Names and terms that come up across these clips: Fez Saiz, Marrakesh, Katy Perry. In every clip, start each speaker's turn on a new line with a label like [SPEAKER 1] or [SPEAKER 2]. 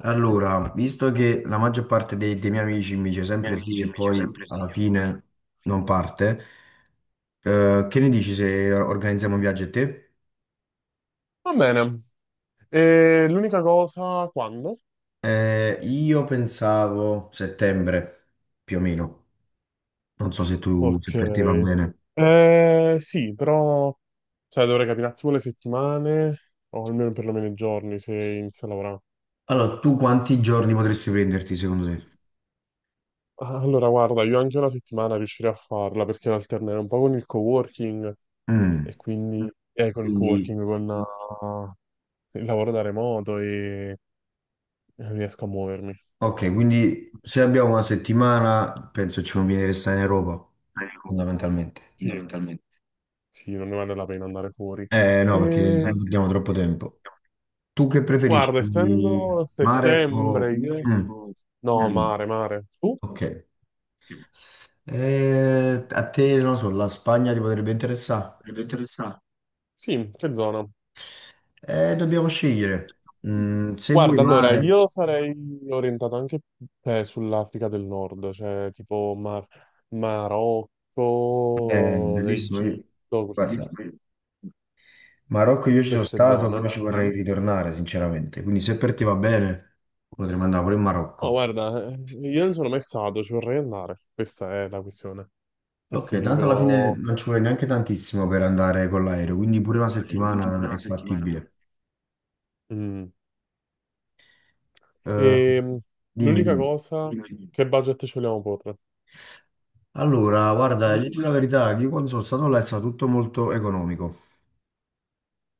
[SPEAKER 1] Allora, visto che la maggior parte dei miei amici mi dice sempre sì e poi alla fine non parte, che ne dici se organizziamo un viaggio a te?
[SPEAKER 2] Va bene. E l'unica cosa, quando?
[SPEAKER 1] Io pensavo settembre, più o meno. Non so se tu, se
[SPEAKER 2] Ok.
[SPEAKER 1] per te va bene.
[SPEAKER 2] Sì, però dovrei capire un attimo le settimane, o almeno perlomeno i giorni, se inizio a lavorare.
[SPEAKER 1] Allora, tu quanti giorni potresti prenderti secondo te?
[SPEAKER 2] Guarda, io anche una settimana riuscirei a farla perché la alternerò un po' con il coworking e
[SPEAKER 1] Mm.
[SPEAKER 2] quindi con il
[SPEAKER 1] Quindi,
[SPEAKER 2] coworking, il lavoro da remoto e riesco a muovermi.
[SPEAKER 1] ok, quindi se abbiamo una settimana, penso ci conviene restare in Europa, fondamentalmente.
[SPEAKER 2] Sì, sì, non ne vale la pena andare fuori.
[SPEAKER 1] Eh
[SPEAKER 2] Eh,
[SPEAKER 1] no, perché se
[SPEAKER 2] E
[SPEAKER 1] no perdiamo
[SPEAKER 2] Eh.
[SPEAKER 1] troppo tempo. Tu che preferisci,
[SPEAKER 2] Guarda, essendo a
[SPEAKER 1] mare o...
[SPEAKER 2] settembre, io...
[SPEAKER 1] mm,
[SPEAKER 2] No,
[SPEAKER 1] dimmi.
[SPEAKER 2] mare. Tu?
[SPEAKER 1] Ok. A te, non lo so, la Spagna ti potrebbe interessare?
[SPEAKER 2] Sì, che zona?
[SPEAKER 1] Dobbiamo scegliere. Mm, se vuoi mare,
[SPEAKER 2] Io sarei orientato anche sull'Africa del Nord, cioè tipo
[SPEAKER 1] è
[SPEAKER 2] Marocco,
[SPEAKER 1] bellissimo.
[SPEAKER 2] Egitto,
[SPEAKER 1] Guarda, Marocco io ci sono
[SPEAKER 2] queste
[SPEAKER 1] stato, però
[SPEAKER 2] zone.
[SPEAKER 1] ci vorrei ritornare, sinceramente. Quindi se per te va bene, potremmo andare pure in
[SPEAKER 2] No,
[SPEAKER 1] Marocco.
[SPEAKER 2] guarda, io non sono mai stato, ci vorrei andare. Questa è la questione. Per cui
[SPEAKER 1] Ok, tanto alla fine
[SPEAKER 2] dico...
[SPEAKER 1] non ci vuole neanche tantissimo per andare con l'aereo, quindi pure una settimana è fattibile.
[SPEAKER 2] Mm.
[SPEAKER 1] Eh,
[SPEAKER 2] Ehm,
[SPEAKER 1] dimmi,
[SPEAKER 2] L'unica
[SPEAKER 1] dimmi.
[SPEAKER 2] cosa, che budget ci vogliamo porre?
[SPEAKER 1] Allora, guarda, io dico la verità, io quando sono stato là è stato tutto molto economico.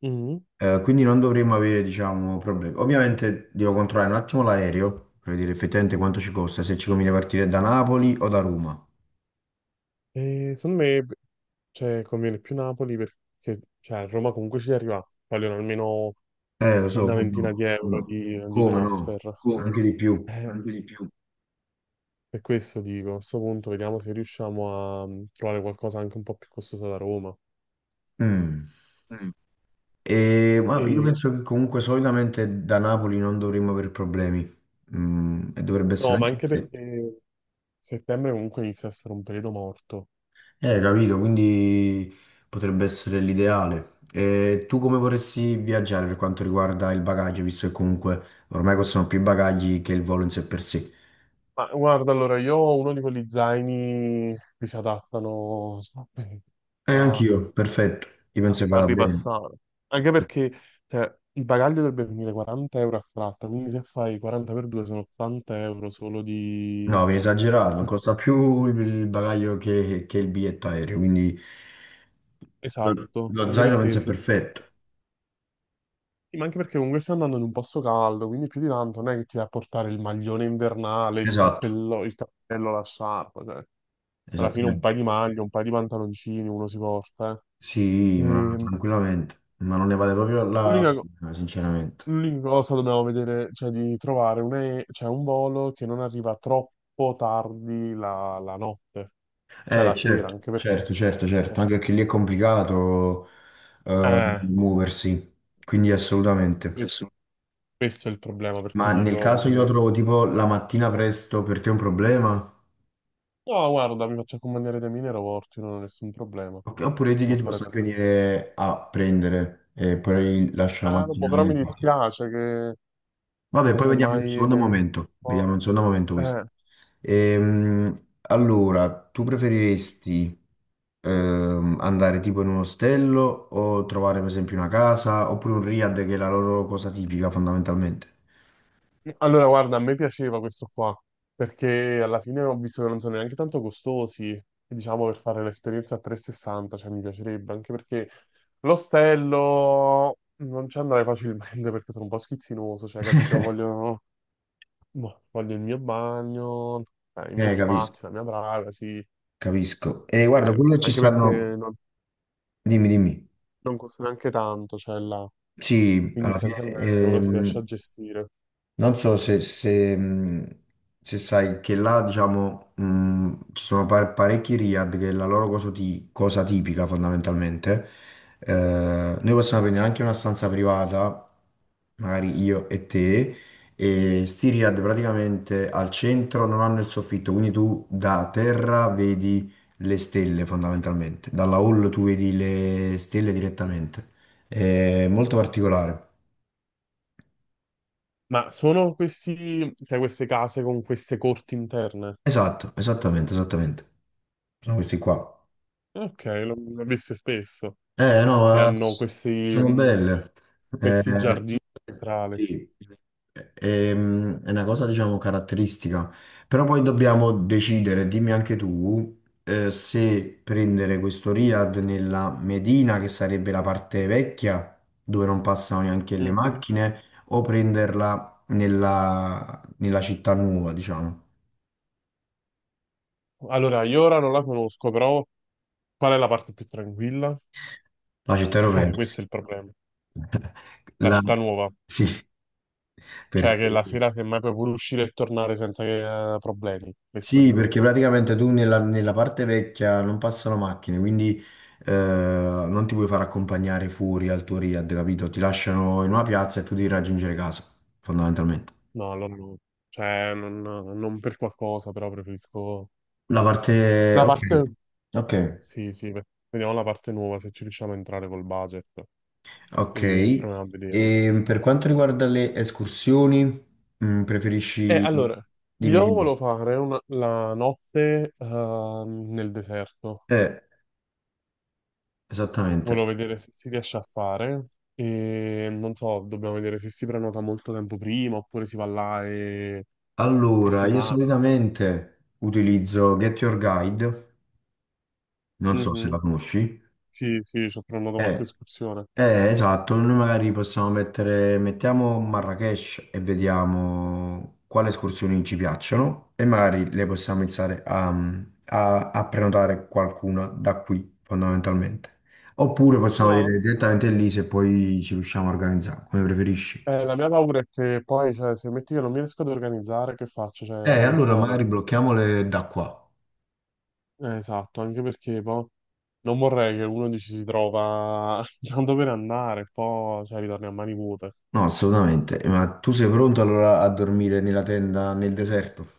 [SPEAKER 2] Mm.
[SPEAKER 1] Quindi non dovremmo avere, diciamo, problemi. Ovviamente devo controllare un attimo l'aereo, per vedere effettivamente quanto ci costa, se ci conviene partire da Napoli o da Roma.
[SPEAKER 2] E secondo me, beh, conviene più Napoli perché a Roma comunque ci arriva, vogliono almeno
[SPEAKER 1] Lo so,
[SPEAKER 2] una
[SPEAKER 1] come
[SPEAKER 2] ventina di
[SPEAKER 1] no, come
[SPEAKER 2] euro
[SPEAKER 1] no,
[SPEAKER 2] di
[SPEAKER 1] come no,
[SPEAKER 2] transfer.
[SPEAKER 1] anche di più.
[SPEAKER 2] Ehm, per questo dico, a questo punto vediamo se riusciamo a trovare qualcosa anche un po' più costoso da Roma.
[SPEAKER 1] Mm. E, ma io
[SPEAKER 2] E,
[SPEAKER 1] penso che comunque solitamente da Napoli non dovremmo avere problemi. Mm, e dovrebbe
[SPEAKER 2] no,
[SPEAKER 1] essere
[SPEAKER 2] ma
[SPEAKER 1] anche...
[SPEAKER 2] anche perché settembre comunque inizia a essere un periodo morto.
[SPEAKER 1] Capito, quindi potrebbe essere l'ideale. E tu come vorresti viaggiare per quanto riguarda il bagaglio, visto che comunque ormai costano più i bagagli che il volo in sé per sé?
[SPEAKER 2] Ma guarda, allora, io ho uno di quegli zaini che si adattano a
[SPEAKER 1] Anch'io, perfetto, io
[SPEAKER 2] a
[SPEAKER 1] penso che
[SPEAKER 2] far
[SPEAKER 1] vada bene.
[SPEAKER 2] ripassare. Anche perché il bagaglio dovrebbe venire 40 euro a tratta, quindi se fai 40 per 2 sono 80 euro solo di...
[SPEAKER 1] No, viene esagerato, costa più il bagaglio che il biglietto aereo, quindi
[SPEAKER 2] Esatto,
[SPEAKER 1] lo
[SPEAKER 2] anche
[SPEAKER 1] zaino penso
[SPEAKER 2] perché,
[SPEAKER 1] è perfetto.
[SPEAKER 2] sì, ma anche perché comunque stai andando in un posto caldo, quindi più di tanto non è che ti vai a portare il maglione invernale,
[SPEAKER 1] Esatto,
[SPEAKER 2] il cappello, la sciarpa, cioè. Alla fine un
[SPEAKER 1] esattamente.
[SPEAKER 2] paio di maglie, un paio di pantaloncini uno si porta,
[SPEAKER 1] Sì,
[SPEAKER 2] eh.
[SPEAKER 1] ma
[SPEAKER 2] E
[SPEAKER 1] tranquillamente, ma non ne vale proprio la
[SPEAKER 2] L'unica cosa...
[SPEAKER 1] pena, sinceramente.
[SPEAKER 2] L'unica cosa dobbiamo vedere, di trovare cioè, un volo che non arriva troppo tardi la notte, cioè la sera,
[SPEAKER 1] Certo,
[SPEAKER 2] anche perché...
[SPEAKER 1] certo, certo, certo, anche perché lì è complicato
[SPEAKER 2] Eh,
[SPEAKER 1] muoversi, quindi assolutamente.
[SPEAKER 2] questo, questo è il problema, per cui
[SPEAKER 1] Ma nel
[SPEAKER 2] dico,
[SPEAKER 1] caso io la
[SPEAKER 2] bisogna...
[SPEAKER 1] trovo tipo la mattina presto, per te è un problema?
[SPEAKER 2] No, guarda, mi faccio accompagnare dai miei aeroporti, non ho nessun problema.
[SPEAKER 1] Ok. Oppure io ti
[SPEAKER 2] Si
[SPEAKER 1] io
[SPEAKER 2] può
[SPEAKER 1] ti
[SPEAKER 2] fare
[SPEAKER 1] posso
[SPEAKER 2] tanto.
[SPEAKER 1] anche venire a prendere e poi lascio la
[SPEAKER 2] Boh,
[SPEAKER 1] macchina
[SPEAKER 2] però
[SPEAKER 1] nel
[SPEAKER 2] mi
[SPEAKER 1] parcheggio.
[SPEAKER 2] dispiace che
[SPEAKER 1] Vabbè, poi vediamo in un
[SPEAKER 2] semmai
[SPEAKER 1] secondo
[SPEAKER 2] devi... dire-
[SPEAKER 1] momento. Vediamo in un secondo momento questo.
[SPEAKER 2] Eh,
[SPEAKER 1] Allora, tu preferiresti andare tipo in un ostello o trovare per esempio una casa oppure un riad che è la loro cosa tipica fondamentalmente?
[SPEAKER 2] Guarda, a me piaceva questo qua, perché alla fine ho visto che non sono neanche tanto costosi, e diciamo, per fare l'esperienza a 360, cioè mi piacerebbe, anche perché l'ostello non ci andrei facilmente perché sono un po' schizzinoso, cioè, capito? Voglio, boh, voglio il mio bagno, i miei
[SPEAKER 1] Capisco,
[SPEAKER 2] spazi, la mia privacy,
[SPEAKER 1] capisco. E guarda, quello ci
[SPEAKER 2] anche perché
[SPEAKER 1] stanno... Dimmi, dimmi.
[SPEAKER 2] non costa neanche tanto, cioè, là.
[SPEAKER 1] Sì,
[SPEAKER 2] Quindi
[SPEAKER 1] alla fine
[SPEAKER 2] essenzialmente uno si riesce a gestire.
[SPEAKER 1] non so se se sai che là, diciamo, ci sono parecchi riad che è la loro cosa, cosa tipica fondamentalmente. Noi possiamo prendere anche una stanza privata, magari io e te, e sti riad praticamente al centro non hanno il soffitto, quindi tu da terra vedi le stelle fondamentalmente, dalla hall tu vedi le stelle direttamente. È molto particolare.
[SPEAKER 2] Ma sono questi, cioè queste case con queste corti interne?
[SPEAKER 1] Esatto, esattamente, esattamente. Sono questi qua.
[SPEAKER 2] Ok, l'ho viste spesso, che
[SPEAKER 1] No,
[SPEAKER 2] hanno
[SPEAKER 1] s-
[SPEAKER 2] questi,
[SPEAKER 1] sono
[SPEAKER 2] mh,
[SPEAKER 1] belle. Eh,
[SPEAKER 2] questi giardini centrali.
[SPEAKER 1] sì, è una cosa, diciamo, caratteristica. Però poi dobbiamo decidere, dimmi anche tu, se prendere questo Riad nella Medina, che sarebbe la parte vecchia, dove non passano neanche le
[SPEAKER 2] Mhm.
[SPEAKER 1] macchine, o prenderla nella città nuova, diciamo,
[SPEAKER 2] Allora, io ora non la conosco, però qual è la parte più tranquilla?
[SPEAKER 1] la città europea.
[SPEAKER 2] Questo è il problema. La
[SPEAKER 1] La-
[SPEAKER 2] città nuova,
[SPEAKER 1] Sì,
[SPEAKER 2] cioè
[SPEAKER 1] perché...
[SPEAKER 2] che la sera semmai puoi pure uscire e tornare senza che, problemi, questo
[SPEAKER 1] Sì,
[SPEAKER 2] dico.
[SPEAKER 1] perché praticamente tu nella parte vecchia non passano macchine, quindi non ti puoi far accompagnare fuori al tuo Riad, capito? Ti lasciano in una piazza e tu devi raggiungere casa, fondamentalmente.
[SPEAKER 2] No, allora no. Cioè, non per qualcosa, però preferisco...
[SPEAKER 1] La parte...
[SPEAKER 2] La
[SPEAKER 1] Ok,
[SPEAKER 2] parte...
[SPEAKER 1] ok,
[SPEAKER 2] Sì, sì, vediamo la parte nuova, se ci riusciamo a entrare col budget
[SPEAKER 1] ok.
[SPEAKER 2] e proviamo a vedere.
[SPEAKER 1] E per quanto riguarda le escursioni, mm,
[SPEAKER 2] Eh,
[SPEAKER 1] preferisci...
[SPEAKER 2] allora,
[SPEAKER 1] Dimmi,
[SPEAKER 2] io
[SPEAKER 1] dimmi.
[SPEAKER 2] volevo fare la notte nel deserto,
[SPEAKER 1] Eh,
[SPEAKER 2] volevo
[SPEAKER 1] esattamente.
[SPEAKER 2] vedere se si riesce a fare e non so, dobbiamo vedere se si prenota molto tempo prima oppure si va là e
[SPEAKER 1] Allora,
[SPEAKER 2] si
[SPEAKER 1] io
[SPEAKER 2] fa.
[SPEAKER 1] solitamente utilizzo Get Your Guide, non so se la
[SPEAKER 2] Mhm.
[SPEAKER 1] conosci.
[SPEAKER 2] Sì, sì, ci ho prenotato qualche
[SPEAKER 1] Eh,
[SPEAKER 2] escursione.
[SPEAKER 1] Esatto, noi magari possiamo mettere, mettiamo Marrakesh e vediamo quali escursioni ci piacciono e magari le possiamo iniziare a prenotare qualcuna da qui, fondamentalmente. Oppure possiamo
[SPEAKER 2] No,
[SPEAKER 1] vedere direttamente lì se poi ci riusciamo a organizzare, come preferisci.
[SPEAKER 2] la mia paura è che poi, cioè, se metti che non mi riesco ad organizzare, che faccio? Cioè, non ci
[SPEAKER 1] Allora
[SPEAKER 2] vado.
[SPEAKER 1] magari blocchiamole da qua.
[SPEAKER 2] Esatto, anche perché poi non vorrei che uno dici si trova non dove andare, e poi cioè, ritorni a mani vuote.
[SPEAKER 1] No, assolutamente, ma tu sei pronto allora a dormire nella tenda nel deserto?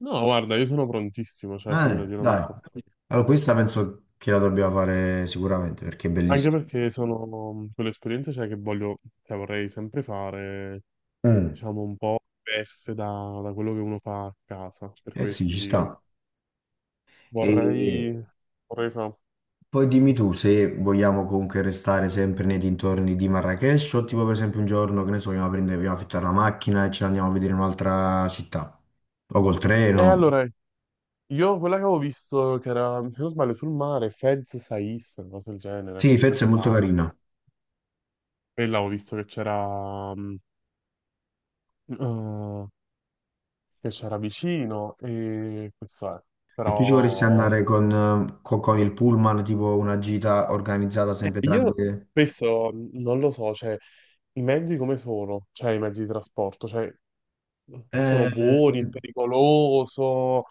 [SPEAKER 2] No, guarda, io sono prontissimo, cioè figurati, io non ho
[SPEAKER 1] Dai.
[SPEAKER 2] problemi.
[SPEAKER 1] Allora, questa penso che la dobbiamo fare sicuramente perché è
[SPEAKER 2] Anche
[SPEAKER 1] bellissima.
[SPEAKER 2] perché sono quell'esperienza che voglio, cioè, vorrei sempre fare,
[SPEAKER 1] Mm,
[SPEAKER 2] diciamo, un po' diverse da quello che uno fa a casa, per
[SPEAKER 1] eh sì,
[SPEAKER 2] questo
[SPEAKER 1] ci
[SPEAKER 2] dico.
[SPEAKER 1] sta. E
[SPEAKER 2] Vorrei, vorrei fare...
[SPEAKER 1] poi dimmi tu se vogliamo comunque restare sempre nei dintorni di Marrakech o tipo per esempio un giorno, che ne so, andiamo a prendere, vogliamo affittare una macchina e ce ne andiamo a vedere un'altra città. O col
[SPEAKER 2] E
[SPEAKER 1] treno.
[SPEAKER 2] allora, io quella che avevo visto, che era, se non sbaglio, sul mare, Fez Saiz, una cosa del genere,
[SPEAKER 1] Sì, Fez
[SPEAKER 2] Fez
[SPEAKER 1] è molto
[SPEAKER 2] Saiz.
[SPEAKER 1] carina.
[SPEAKER 2] E l'avevo visto eh, che c'era vicino e questo è.
[SPEAKER 1] E tu ci vorresti
[SPEAKER 2] Però
[SPEAKER 1] andare con, con il pullman, tipo una gita organizzata sempre
[SPEAKER 2] io
[SPEAKER 1] tramite...
[SPEAKER 2] spesso non lo so, cioè i mezzi come sono? Cioè i mezzi di trasporto, cioè sono
[SPEAKER 1] Eh,
[SPEAKER 2] buoni, è pericoloso,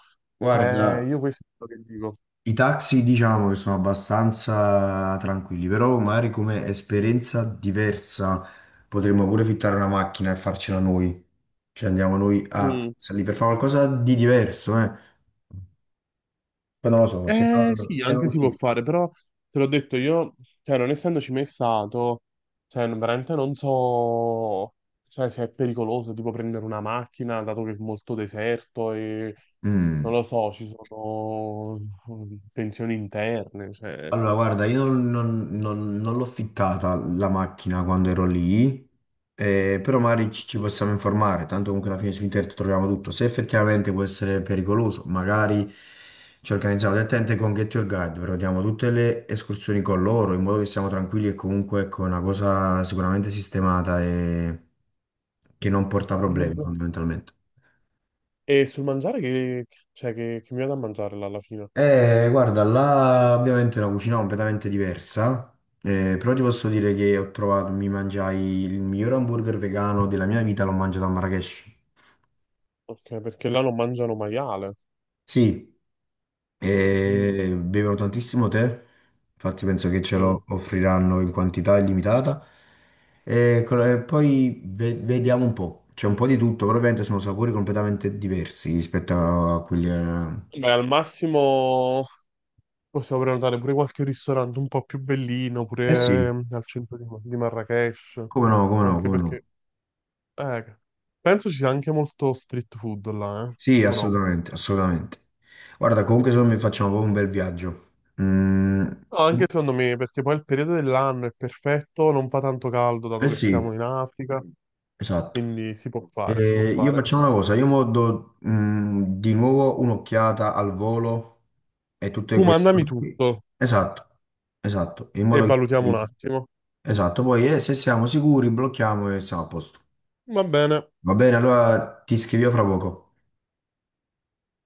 [SPEAKER 2] cioè
[SPEAKER 1] guarda,
[SPEAKER 2] io questo è quello che dico.
[SPEAKER 1] i taxi diciamo che sono abbastanza tranquilli, però magari come esperienza diversa potremmo pure fittare una macchina e farcela noi. Cioè andiamo noi a
[SPEAKER 2] Mm.
[SPEAKER 1] farcela lì per fare qualcosa di diverso, eh. Poi non lo so,
[SPEAKER 2] Eh sì,
[SPEAKER 1] se
[SPEAKER 2] anche
[SPEAKER 1] non
[SPEAKER 2] si può
[SPEAKER 1] ti...
[SPEAKER 2] fare, però te l'ho detto io, cioè non essendoci mai stato, cioè veramente non so, cioè, se è pericoloso, tipo prendere una macchina, dato che è molto deserto e non
[SPEAKER 1] Mm.
[SPEAKER 2] lo so, ci sono tensioni interne, cioè...
[SPEAKER 1] Allora, guarda, io non l'ho fittata la macchina quando ero lì, però magari ci possiamo informare, tanto comunque alla fine su internet troviamo tutto. Se effettivamente può essere pericoloso, magari ci organizziamo direttamente con Get Your Guide, prenotiamo tutte le escursioni con loro, in modo che siamo tranquilli e comunque ecco, è una cosa sicuramente sistemata e che non porta
[SPEAKER 2] E,
[SPEAKER 1] problemi fondamentalmente.
[SPEAKER 2] e sul mangiare cioè, che mi vado a mangiare là alla fine?
[SPEAKER 1] Guarda, là ovviamente è una cucina completamente diversa, però ti posso dire che ho trovato, mi mangiai il miglior hamburger vegano della mia vita, l'ho mangiato a Marrakech.
[SPEAKER 2] Ok, perché là non mangiano maiale.
[SPEAKER 1] Sì,
[SPEAKER 2] Mm,
[SPEAKER 1] bevono tantissimo tè, infatti penso che ce
[SPEAKER 2] mm.
[SPEAKER 1] lo offriranno in quantità illimitata. E poi vediamo un po', c'è un po' di tutto, però ovviamente sono sapori completamente diversi rispetto a quelli...
[SPEAKER 2] Beh, al massimo. Possiamo prenotare pure qualche ristorante un po' più bellino,
[SPEAKER 1] eh
[SPEAKER 2] pure
[SPEAKER 1] sì,
[SPEAKER 2] al centro di Marrakesh,
[SPEAKER 1] come no, come no,
[SPEAKER 2] anche
[SPEAKER 1] come no.
[SPEAKER 2] perché eh, penso ci sia anche molto street food là,
[SPEAKER 1] Sì,
[SPEAKER 2] o no?
[SPEAKER 1] assolutamente, assolutamente. Guarda, comunque secondo me facciamo proprio un bel viaggio. Mm,
[SPEAKER 2] No, anche secondo me, perché poi il periodo dell'anno è perfetto, non fa tanto caldo dato
[SPEAKER 1] eh
[SPEAKER 2] che
[SPEAKER 1] sì,
[SPEAKER 2] siamo in Africa,
[SPEAKER 1] esatto.
[SPEAKER 2] quindi si può
[SPEAKER 1] Io
[SPEAKER 2] fare.
[SPEAKER 1] facciamo una cosa, io mo do mm, di nuovo un'occhiata al volo e tutte
[SPEAKER 2] Tu
[SPEAKER 1] queste
[SPEAKER 2] mandami
[SPEAKER 1] cose qui.
[SPEAKER 2] tutto
[SPEAKER 1] Esatto, esatto, in
[SPEAKER 2] e
[SPEAKER 1] modo
[SPEAKER 2] valutiamo un
[SPEAKER 1] che...
[SPEAKER 2] attimo.
[SPEAKER 1] Esatto, poi se siamo sicuri blocchiamo e siamo a posto.
[SPEAKER 2] Va bene.
[SPEAKER 1] Va bene, allora ti scrivo fra poco.